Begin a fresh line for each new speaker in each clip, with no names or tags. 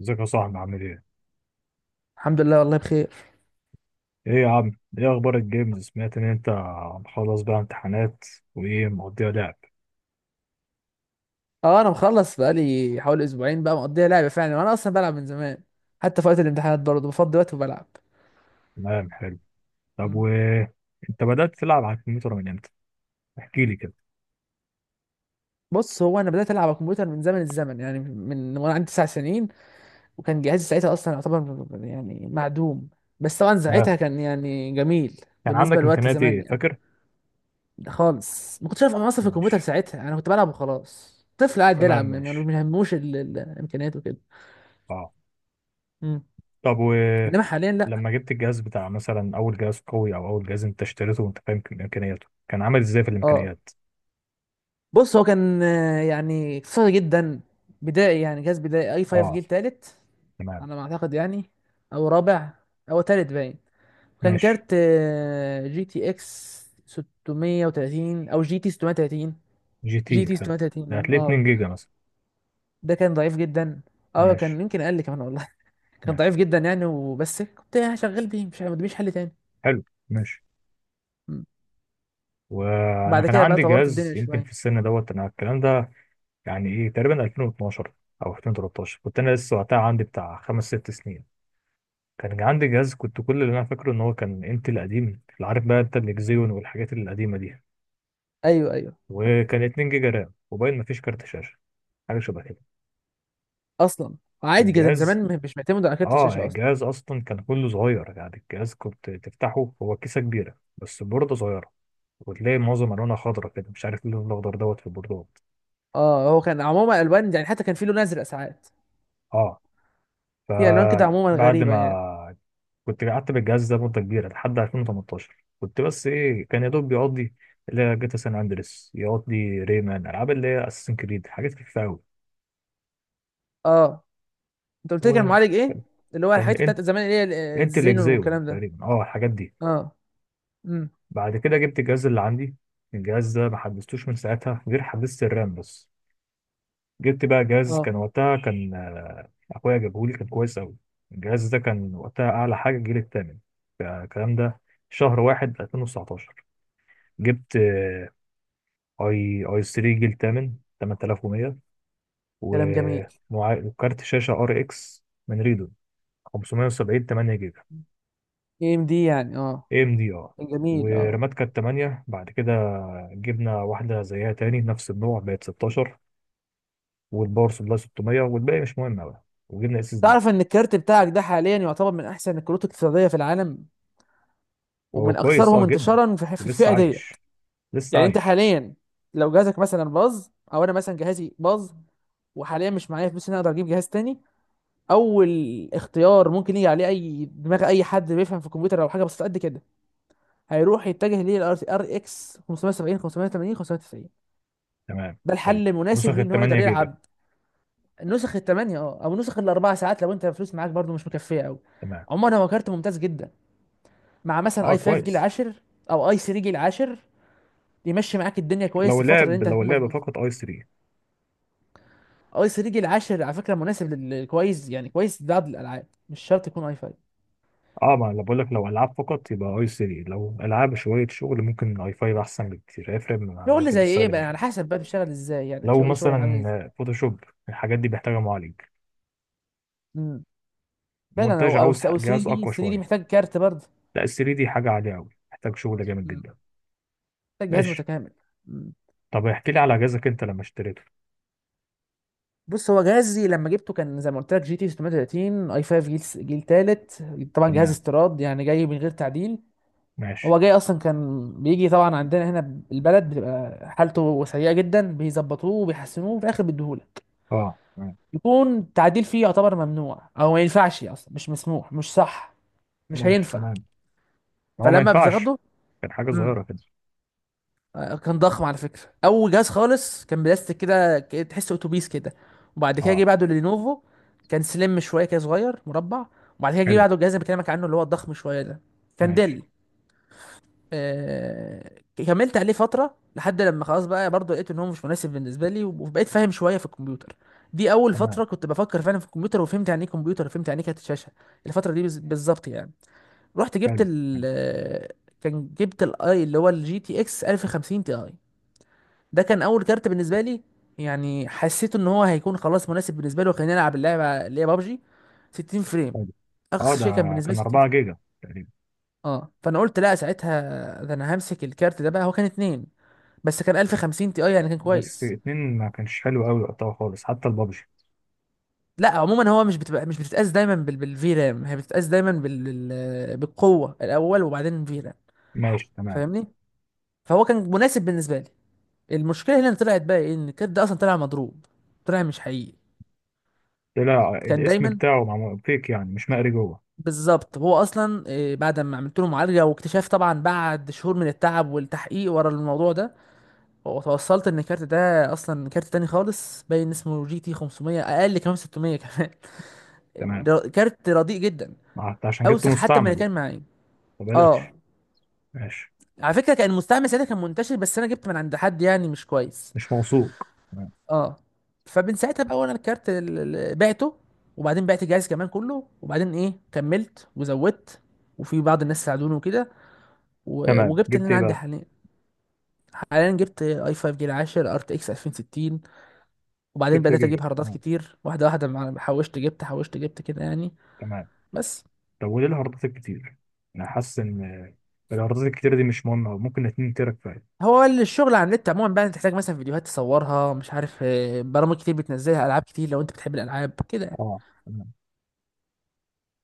ازيك يا صاحبي عامل ايه؟
الحمد لله والله بخير.
ايه يا عم؟ ايه اخبار الجيمز؟ سمعت ان انت مخلص بقى امتحانات وايه مقضيها لعب.
اه، انا مخلص بقالي حوالي اسبوعين بقى مقضيها لعبه فعلا، وانا اصلا بلعب من زمان. حتى في وقت الامتحانات برضه بفضي وقت وبلعب.
تمام، حلو. طب
مم.
انت بدأت تلعب على الكمبيوتر من امتى؟ احكي لي كده.
بص، هو انا بدات العب على الكمبيوتر من زمن الزمن، يعني من وانا عندي تسع سنين. وكان جهازي ساعتها اصلا يعتبر يعني معدوم، بس طبعا
تمام،
ساعتها كان يعني جميل
كان
بالنسبه
عندك
لوقت
امكانيات
زمان
ايه
يعني.
فاكر؟
ده خالص ما كنتش عارف انا اصلا في الكمبيوتر
ماشي،
ساعتها، انا كنت بلعب وخلاص، طفل قاعد
تمام،
بيلعب ما
ماشي،
ما يهموش الامكانيات وكده.
اه.
مم.
طب
انما حاليا لا.
لما جبت الجهاز بتاع مثلا اول جهاز قوي او اول جهاز انت اشتريته وانت فاهم امكانياته كان عامل ازاي في
اه.
الامكانيات؟
بص هو كان يعني اقتصادي جدا، بدائي، يعني جهاز بدائي. اي 5
اه،
جيل تالت
تمام،
على ما اعتقد يعني، او رابع، او تالت باين. كان
ماشي.
كارت جي تي اكس 630، او جي تي 630،
جي تي
جي تي
حلو.
630.
ده هتلاقي 2 جيجا مثلا.
ده كان ضعيف جدا، اه
ماشي،
كان يمكن اقل كمان والله. كان ضعيف
ماشي،
جدا يعني، وبس كنت شغال بيه، مش ما قداميش حل تاني.
حلو، ماشي.
م.
وانا
بعد
كان
كده بقى
عندي
طورت
جهاز
الدنيا
يمكن
شويه.
في السن دوت انا الكلام ده، يعني ايه تقريبا 2012 او 2013. كنت انا لسه وقتها عندي بتاع 5 6 سنين. كان عندي جهاز، كنت كل اللي انا فاكره ان هو كان انتل قديم، اللي عارف بقى انت الاكزيون والحاجات القديمه دي.
ايوه ايوه.
وكان 2 جيجا رام وباين مفيش كارت شاشه، حاجه شبه كده.
اصلا عادي جدا
الجهاز،
زمان مش معتمد على كارت
اه
الشاشه اصلا.
الجهاز اصلا كان كله صغير، يعني الجهاز كنت تفتحه هو كيسه كبيره بس البورده صغيره. وتلاقي معظم الوانها خضرا كده، مش عارف اللون الاخضر دوت في البوردات.
اه، هو كان عموما الوان يعني، حتى كان في لون ازرق ساعات.
اه.
في الوان كده عموما
فبعد
غريبه يعني.
ما كنت قعدت بالجهاز ده مدة كبيرة لحد 2018، كنت بس إيه كان يا دوب بيقضي اللي هي جاتا سان أندريس، يقضي ريمان ألعاب اللي هي أساسن كريد، حاجات خفيفة أوي.
اه. انت قلت لي كان
وكان
معالج ايه؟ اللي هو الحته
إنت
بتاعت زمان اللي هي
إنت
الزينون
الإكزيون
والكلام ده.
تقريبا، أه الحاجات دي.
اه. امم.
بعد كده جبت الجهاز اللي عندي. الجهاز ده ما حدثتوش من ساعتها غير حدثت الرام بس. جبت بقى جهاز كان
اه.
وقتها، كان آه، أخويا جابهولي كان كويس أوي. الجهاز ده كان وقتها أعلى حاجة الجيل التامن، الكلام ده شهر واحد 2019. جبت اي اي 3 جيل تامن 8100،
كلام
و-
جميل.
وكارت شاشه ار اكس من ريدون 570 8 جيجا.
اي ام دي يعني، اه.
اي ام دي ار.
جميل، اه.
ورامات كانت 8، بعد كده جبنا واحده زيها تاني نفس النوع بقت 16. والباور سبلاي 600، والباقي مش مهم قوي. وجبنا اس اس دي.
تعرف ان الكارت بتاعك ده حاليا يعتبر من احسن الكروت الاقتصاديه في العالم،
هو
ومن
كويس
اكثرهم
اه جدا.
انتشارا في
ولسه
الفئه
عايش،
ديت.
لسه
يعني انت
عايش.
حاليا، لو جهازك مثلا باظ، او انا مثلا جهازي باظ، وحاليا مش معايا فلوس ان أنا اقدر اجيب جهاز تاني، اول اختيار ممكن يجي عليه اي دماغ، اي حد بيفهم في الكمبيوتر او حاجه بسيطه قد كده، هيروح يتجه ليه الار اكس 570، 580، 590.
تمام،
ده
حلو.
الحل المناسب
نسخ
ليه
ال
ان هو يقدر
8 جيجا.
يلعب. نسخ الثمانية اه، او نسخ الاربع ساعات لو انت فلوس معاك برضو مش مكفيه قوي.
تمام،
عموما هو كارت ممتاز جدا، مع مثلا
اه
اي 5 جيل
كويس.
10، او اي 3 جيل 10. يمشي معاك الدنيا كويس في
لو
الفتره اللي
لعب،
انت
لو
هتكون
لعب
مزنوق.
فقط اي 3.
اي 3 جيل 10 على فكره مناسب، للكويس يعني، كويس لبعض الالعاب، مش شرط يكون اي 5.
اه، ما انا بقول لك لو العاب فقط يبقى اي 3، لو العاب شويه شغل ممكن اي 5 احسن بكتير، هيفرق مع
شغل
اللي
زي ايه
بيستخدم
بقى؟ على
جامد.
حسب بقى بتشتغل ازاي يعني،
لو
ايه شغلك عامل ازاي؟
مثلا فوتوشوب، الحاجات دي محتاجه معالج.
مم. فعلا،
مونتاج
هو
عاوز
او 3
جهاز
دي،
اقوى
3 دي
شويه.
محتاج كارت برضه.
لا ال 3 دي حاجه عاليه قوي، محتاج شغل جامد
مم.
جدا.
محتاج جهاز
ماشي.
متكامل. مم.
طب احكي لي على جهازك انت لما اشتريته.
بص هو جهازي لما جبته كان زي ما قلت لك: جي تي 630، اي 5 جيل تالت. طبعا جهاز
تمام،
استيراد يعني، جاي من غير تعديل.
ماشي،
هو جاي اصلا، كان بيجي طبعا عندنا هنا، البلد بتبقى حالته سيئه جدا، بيظبطوه وبيحسنوه وفي الاخر بيديهولك.
اه تمام.
يكون التعديل فيه يعتبر ممنوع، او ما ينفعش اصلا، مش مسموح، مش صح، مش
ماشي،
هينفع.
تمام، هو ما
فلما
ينفعش.
بتاخده
كان حاجه صغيره كده.
كان ضخم على فكرة. أول جهاز خالص كان بلاستيك كده، تحس أتوبيس كده. وبعد كده جه
اه.
بعده لينوفو، كان سليم شوية كده، صغير مربع. وبعد كده جه
حلو،
بعده الجهاز اللي بكلمك عنه، اللي هو الضخم شوية ده. كان
ماشي،
ديل. آه... كملت عليه فترة، لحد لما خلاص بقى برضه لقيت إن هو مش مناسب بالنسبة لي، وبقيت فاهم شوية في الكمبيوتر. دي أول
تمام.
فترة كنت بفكر فعلا في الكمبيوتر، وفهمت يعني إيه كمبيوتر، وفهمت يعني إيه كارت شاشة. الفترة دي بالظبط يعني. رحت جبت
حلو،
ال
حلو،
آه، كان جبت الاي اللي هو الجي تي اكس 1050 تي اي. ده كان اول كارت بالنسبه لي، يعني حسيت ان هو هيكون خلاص مناسب بالنسبه لي، وخليني العب اللعبه اللي هي بابجي 60 فريم.
حلو. اه،
اقصى
ده
شيء كان بالنسبه لي
كان
60
4
فريم.
جيجا تقريبا.
اه، فانا قلت لا ساعتها. ده انا همسك الكارت ده بقى، هو كان اتنين، بس كان 1050 تي اي يعني كان
بس
كويس.
اتنين ما كانش حلو قوي وقتها خالص، حتى البابجي.
لا، عموما هو مش بتتقاس دايما بالفي رام، هي بتتقاس دايما بالقوه الاول وبعدين في رام.
ماشي، تمام.
فاهمني؟ فهو كان مناسب بالنسبه لي. المشكله هنا اللي طلعت بقى ايه، ان الكارت ده اصلا طلع مضروب، طلع مش حقيقي.
طلع
كان
الاسم
دايما،
بتاعه مع فيك يعني مش مقري جوه.
بالظبط هو اصلا بعد ما عملت له معالجه واكتشاف طبعا بعد شهور من التعب والتحقيق ورا الموضوع ده، وتوصلت ان الكارت ده اصلا كارت تاني خالص، باين اسمه جي تي 500 اقل، كمان 600 كمان.
تمام،
كارت رديء جدا،
ما حتى عشان جبت
اوسخ حتى من اللي
مستعمل.
كان معايا. اه.
فبلاش. ماشي،
على فكره كان المستعمل ساعتها كان منتشر، بس انا جبت من عند حد يعني مش كويس.
مش موثوق، تمام.
اه. فمن ساعتها بقى وانا الكارت بعته، وبعدين بعت الجهاز كمان كله، وبعدين ايه، كملت وزودت، وفي بعض الناس ساعدوني وكده،
تمام،
وجبت اللي
جبت
انا
ايه
عندي
بقى.
حاليا. حاليا جبت اي 5 جيل 10 ار تي اكس 2060، وبعدين
6
بدات
جيجا،
اجيب هاردات
تمام.
كتير، واحده واحده، حوشت جبت، حوشت جبت كده يعني.
تمام،
بس.
طب وليه الهاردات الكتير؟ انا حاسس ان الهاردات الكتير دي مش مهمه، ممكن 2 تيرا كفايه.
هو الشغل على النت عموما بقى تحتاج مثلا فيديوهات تصورها، مش عارف، برامج كتير بتنزلها، العاب كتير لو انت بتحب الالعاب كده يعني.
اه، تمام،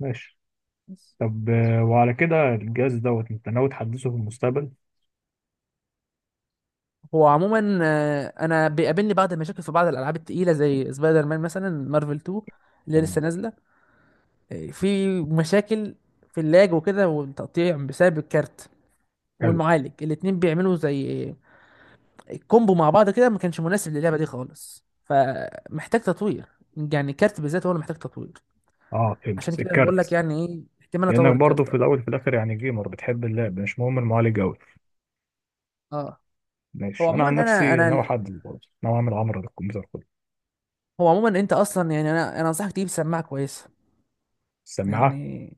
ماشي.
بس.
طب وعلى كده الجهاز دوت انت ناوي تحدثه في المستقبل.
هو عموما انا بيقابلني بعض المشاكل في بعض الالعاب التقيله زي سبايدر مان مثلا، مارفل 2 اللي لسه
تمام،
نازله. في مشاكل، في اللاج وكده والتقطيع بسبب الكارت
حلو.
والمعالج. الاتنين بيعملوا زي كومبو مع بعض كده، ما كانش مناسب للعبه دي خالص، فمحتاج تطوير، يعني كارت بالذات هو اللي محتاج تطوير.
اه
عشان
فهمت
كده انا بقول لك
الكارت.
يعني ايه احتمال اطور
لانك برضه
الكارت،
في
اه.
الاول وفي الاخر يعني جيمر بتحب اللعب، مش مهم المعالج قوي.
آه. هو
ماشي، انا
عموما
عن
انا
نفسي
انا
ناوي
ال-
احدد، برضه ناوي اعمل عمره للكمبيوتر كله.
هو عموما انت اصلا يعني انا انصحك تجيب سماعه كويسه،
السماعه.
يعني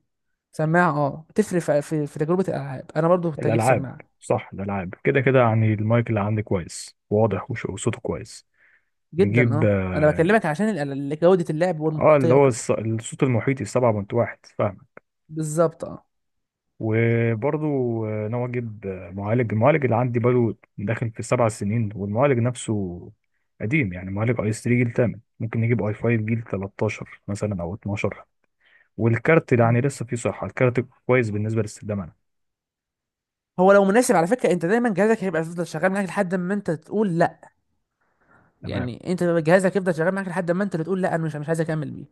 سماعه، اه. بتفرق في تجربه الالعاب. انا برضو كنت هجيب
الالعاب.
سماعه
صح، الالعاب كده كده يعني المايك اللي عندي كويس واضح وصوته كويس.
جدا.
نجيب
اه، انا
اه.
بكلمك عشان جوده اللعب
اللي
والمحيطيه
هو
وكده،
الصوت المحيطي 7.1 فاهم.
بالظبط اه.
وبرضه ناوي اجيب معالج. المعالج اللي عندي بقاله داخل في 7 سنين، والمعالج نفسه قديم، يعني معالج اي 3 جيل 8، ممكن نجيب اي 5 جيل 13 مثلا او 12. والكارت يعني لسه فيه صحة، الكارت كويس بالنسبة لاستخدام أنا.
هو لو مناسب، على فكره، انت دايما جهازك هيبقى يفضل شغال معاك لحد ما انت تقول لا.
تمام،
يعني انت جهازك يفضل شغال معاك لحد ما انت اللي تقول لا، انا مش عايز اكمل بيه.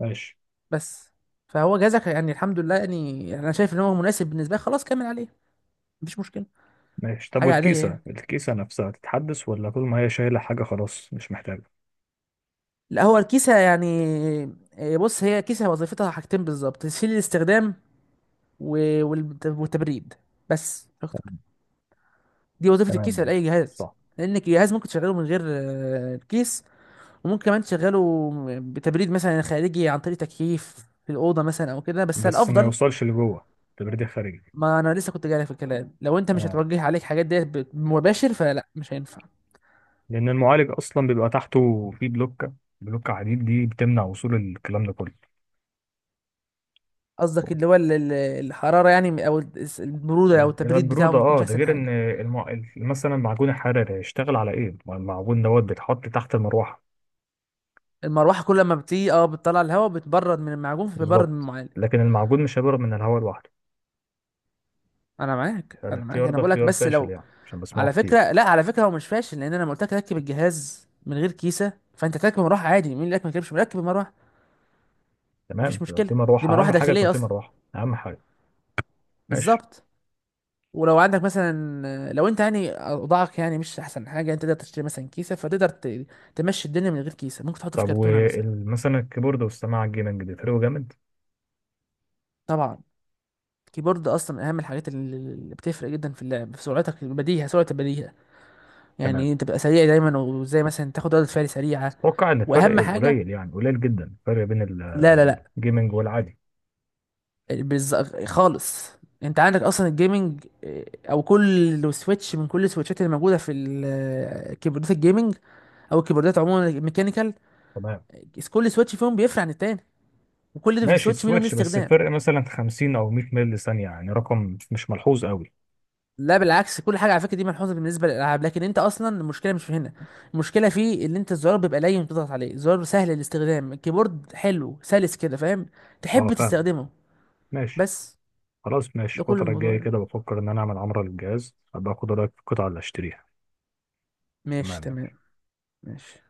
ماشي،
بس. فهو جهازك يعني الحمد لله، يعني انا شايف ان هو مناسب بالنسبه لي، خلاص كمل عليه، مفيش مشكله.
ماشي. طب
حاجه عاديه
والكيسة،
يعني.
الكيسة نفسها تتحدث ولا طول ما هي شايلة حاجة خلاص مش محتاجة.
لا، هو الكيسه يعني بص هي كيسه وظيفتها حاجتين بالظبط: تسهيل الاستخدام والتبريد، بس مش اكتر. دي وظيفه
تمام،
الكيسه لاي
ماشي،
جهاز.
صح.
لان الجهاز ممكن تشغله من غير الكيس، وممكن كمان تشغله بتبريد مثلا خارجي عن طريق تكييف في الأوضة مثلا أو كده، بس
بس ما
الأفضل.
يوصلش لجوه، تبريد خارجي.
ما أنا لسه كنت جاي في الكلام، لو أنت مش
تمام،
هتوجه عليك حاجات ديت مباشر فلا مش هينفع.
لأن المعالج أصلا بيبقى تحته فيه بلوكة، بلوكة حديد دي بتمنع وصول الكلام ده كله.
قصدك اللي هو الحرارة يعني، أو البرودة، أو التبريد بتاعه
البرودة
ما
اه،
بيكونش
ده
أحسن
غير ان
حاجة.
مثلا المعجون الحراري هيشتغل على ايه؟ ما المعجون دوت بيتحط تحت المروحة.
المروحة كل ما بتيجي أه بتطلع الهواء، بتبرد من المعجون، فبيبرد من
بالظبط.
المعالج.
لكن المعجون مش هيبرد من الهواء لوحده.
أنا معاك
الاختيار
أنا
ده
بقولك
اختيار
بس
فاشل
لو،
يعني، عشان بسمعه
على
كتير.
فكرة. لا، على فكرة هو مش فاشل، لأن أنا لما قلت لك ركب الجهاز من غير كيسة فأنت تركب مروحة عادي. مين اللي قالك ما تركبش؟ مركب المروحة،
تمام،
مفيش
لو في
مشكله. دي
مروحة
مروحه
أهم حاجة، يكون
داخليه
في
اصلا.
مروحة أهم حاجة. ماشي.
بالظبط. ولو عندك مثلا، لو انت يعني اوضاعك يعني مش احسن حاجه، انت تقدر تشتري مثلا كيسه، فتقدر تمشي الدنيا من غير كيسه، ممكن تحطه في
طب
كرتونه مثلا.
ومثلا الكيبورد والسماعة الجيمنج بيفرقوا جامد.
طبعا. الكيبورد اصلا اهم الحاجات اللي بتفرق جدا في اللعب، في سرعتك البديهه، سرعه البديهه. يعني
تمام،
إيه؟ تبقى سريع دايما، وزي مثلا تاخد ردة فعل سريعه.
أتوقع إن
واهم
الفرق
حاجه،
قليل، يعني قليل جدا الفرق بين
لا لا لا
الجيمنج والعادي.
بالز... خالص. انت عندك اصلا الجيمنج او كل سويتش من كل السويتشات اللي موجوده في كيبوردات الجيمنج، او الكيبوردات عموما الميكانيكال.
تمام،
كل سويتش فيهم بيفرق عن التاني، وكل ده في
ماشي.
سويتش منهم ليه
السويتش بس
استخدام.
الفرق مثلا 50 أو 100 مللي ثانية، يعني رقم مش ملحوظ قوي.
لا بالعكس، كل حاجه على فكره دي ملحوظه بالنسبه للالعاب، لكن انت اصلا المشكله مش في هنا. المشكله في ان انت الزرار بيبقى لين، بتضغط عليه الزرار سهل الاستخدام، الكيبورد حلو سلس كده، فاهم. تحب
أه فاهم،
تستخدمه.
ماشي.
بس.
خلاص ماشي،
ده كل
الفترة
الموضوع
الجاية
يعني.
كده بفكر إن أنا أعمل عمرة للجهاز، أبقى أخد رأيك في القطعة اللي أشتريها.
ماشي
تمام.
تمام ماشي.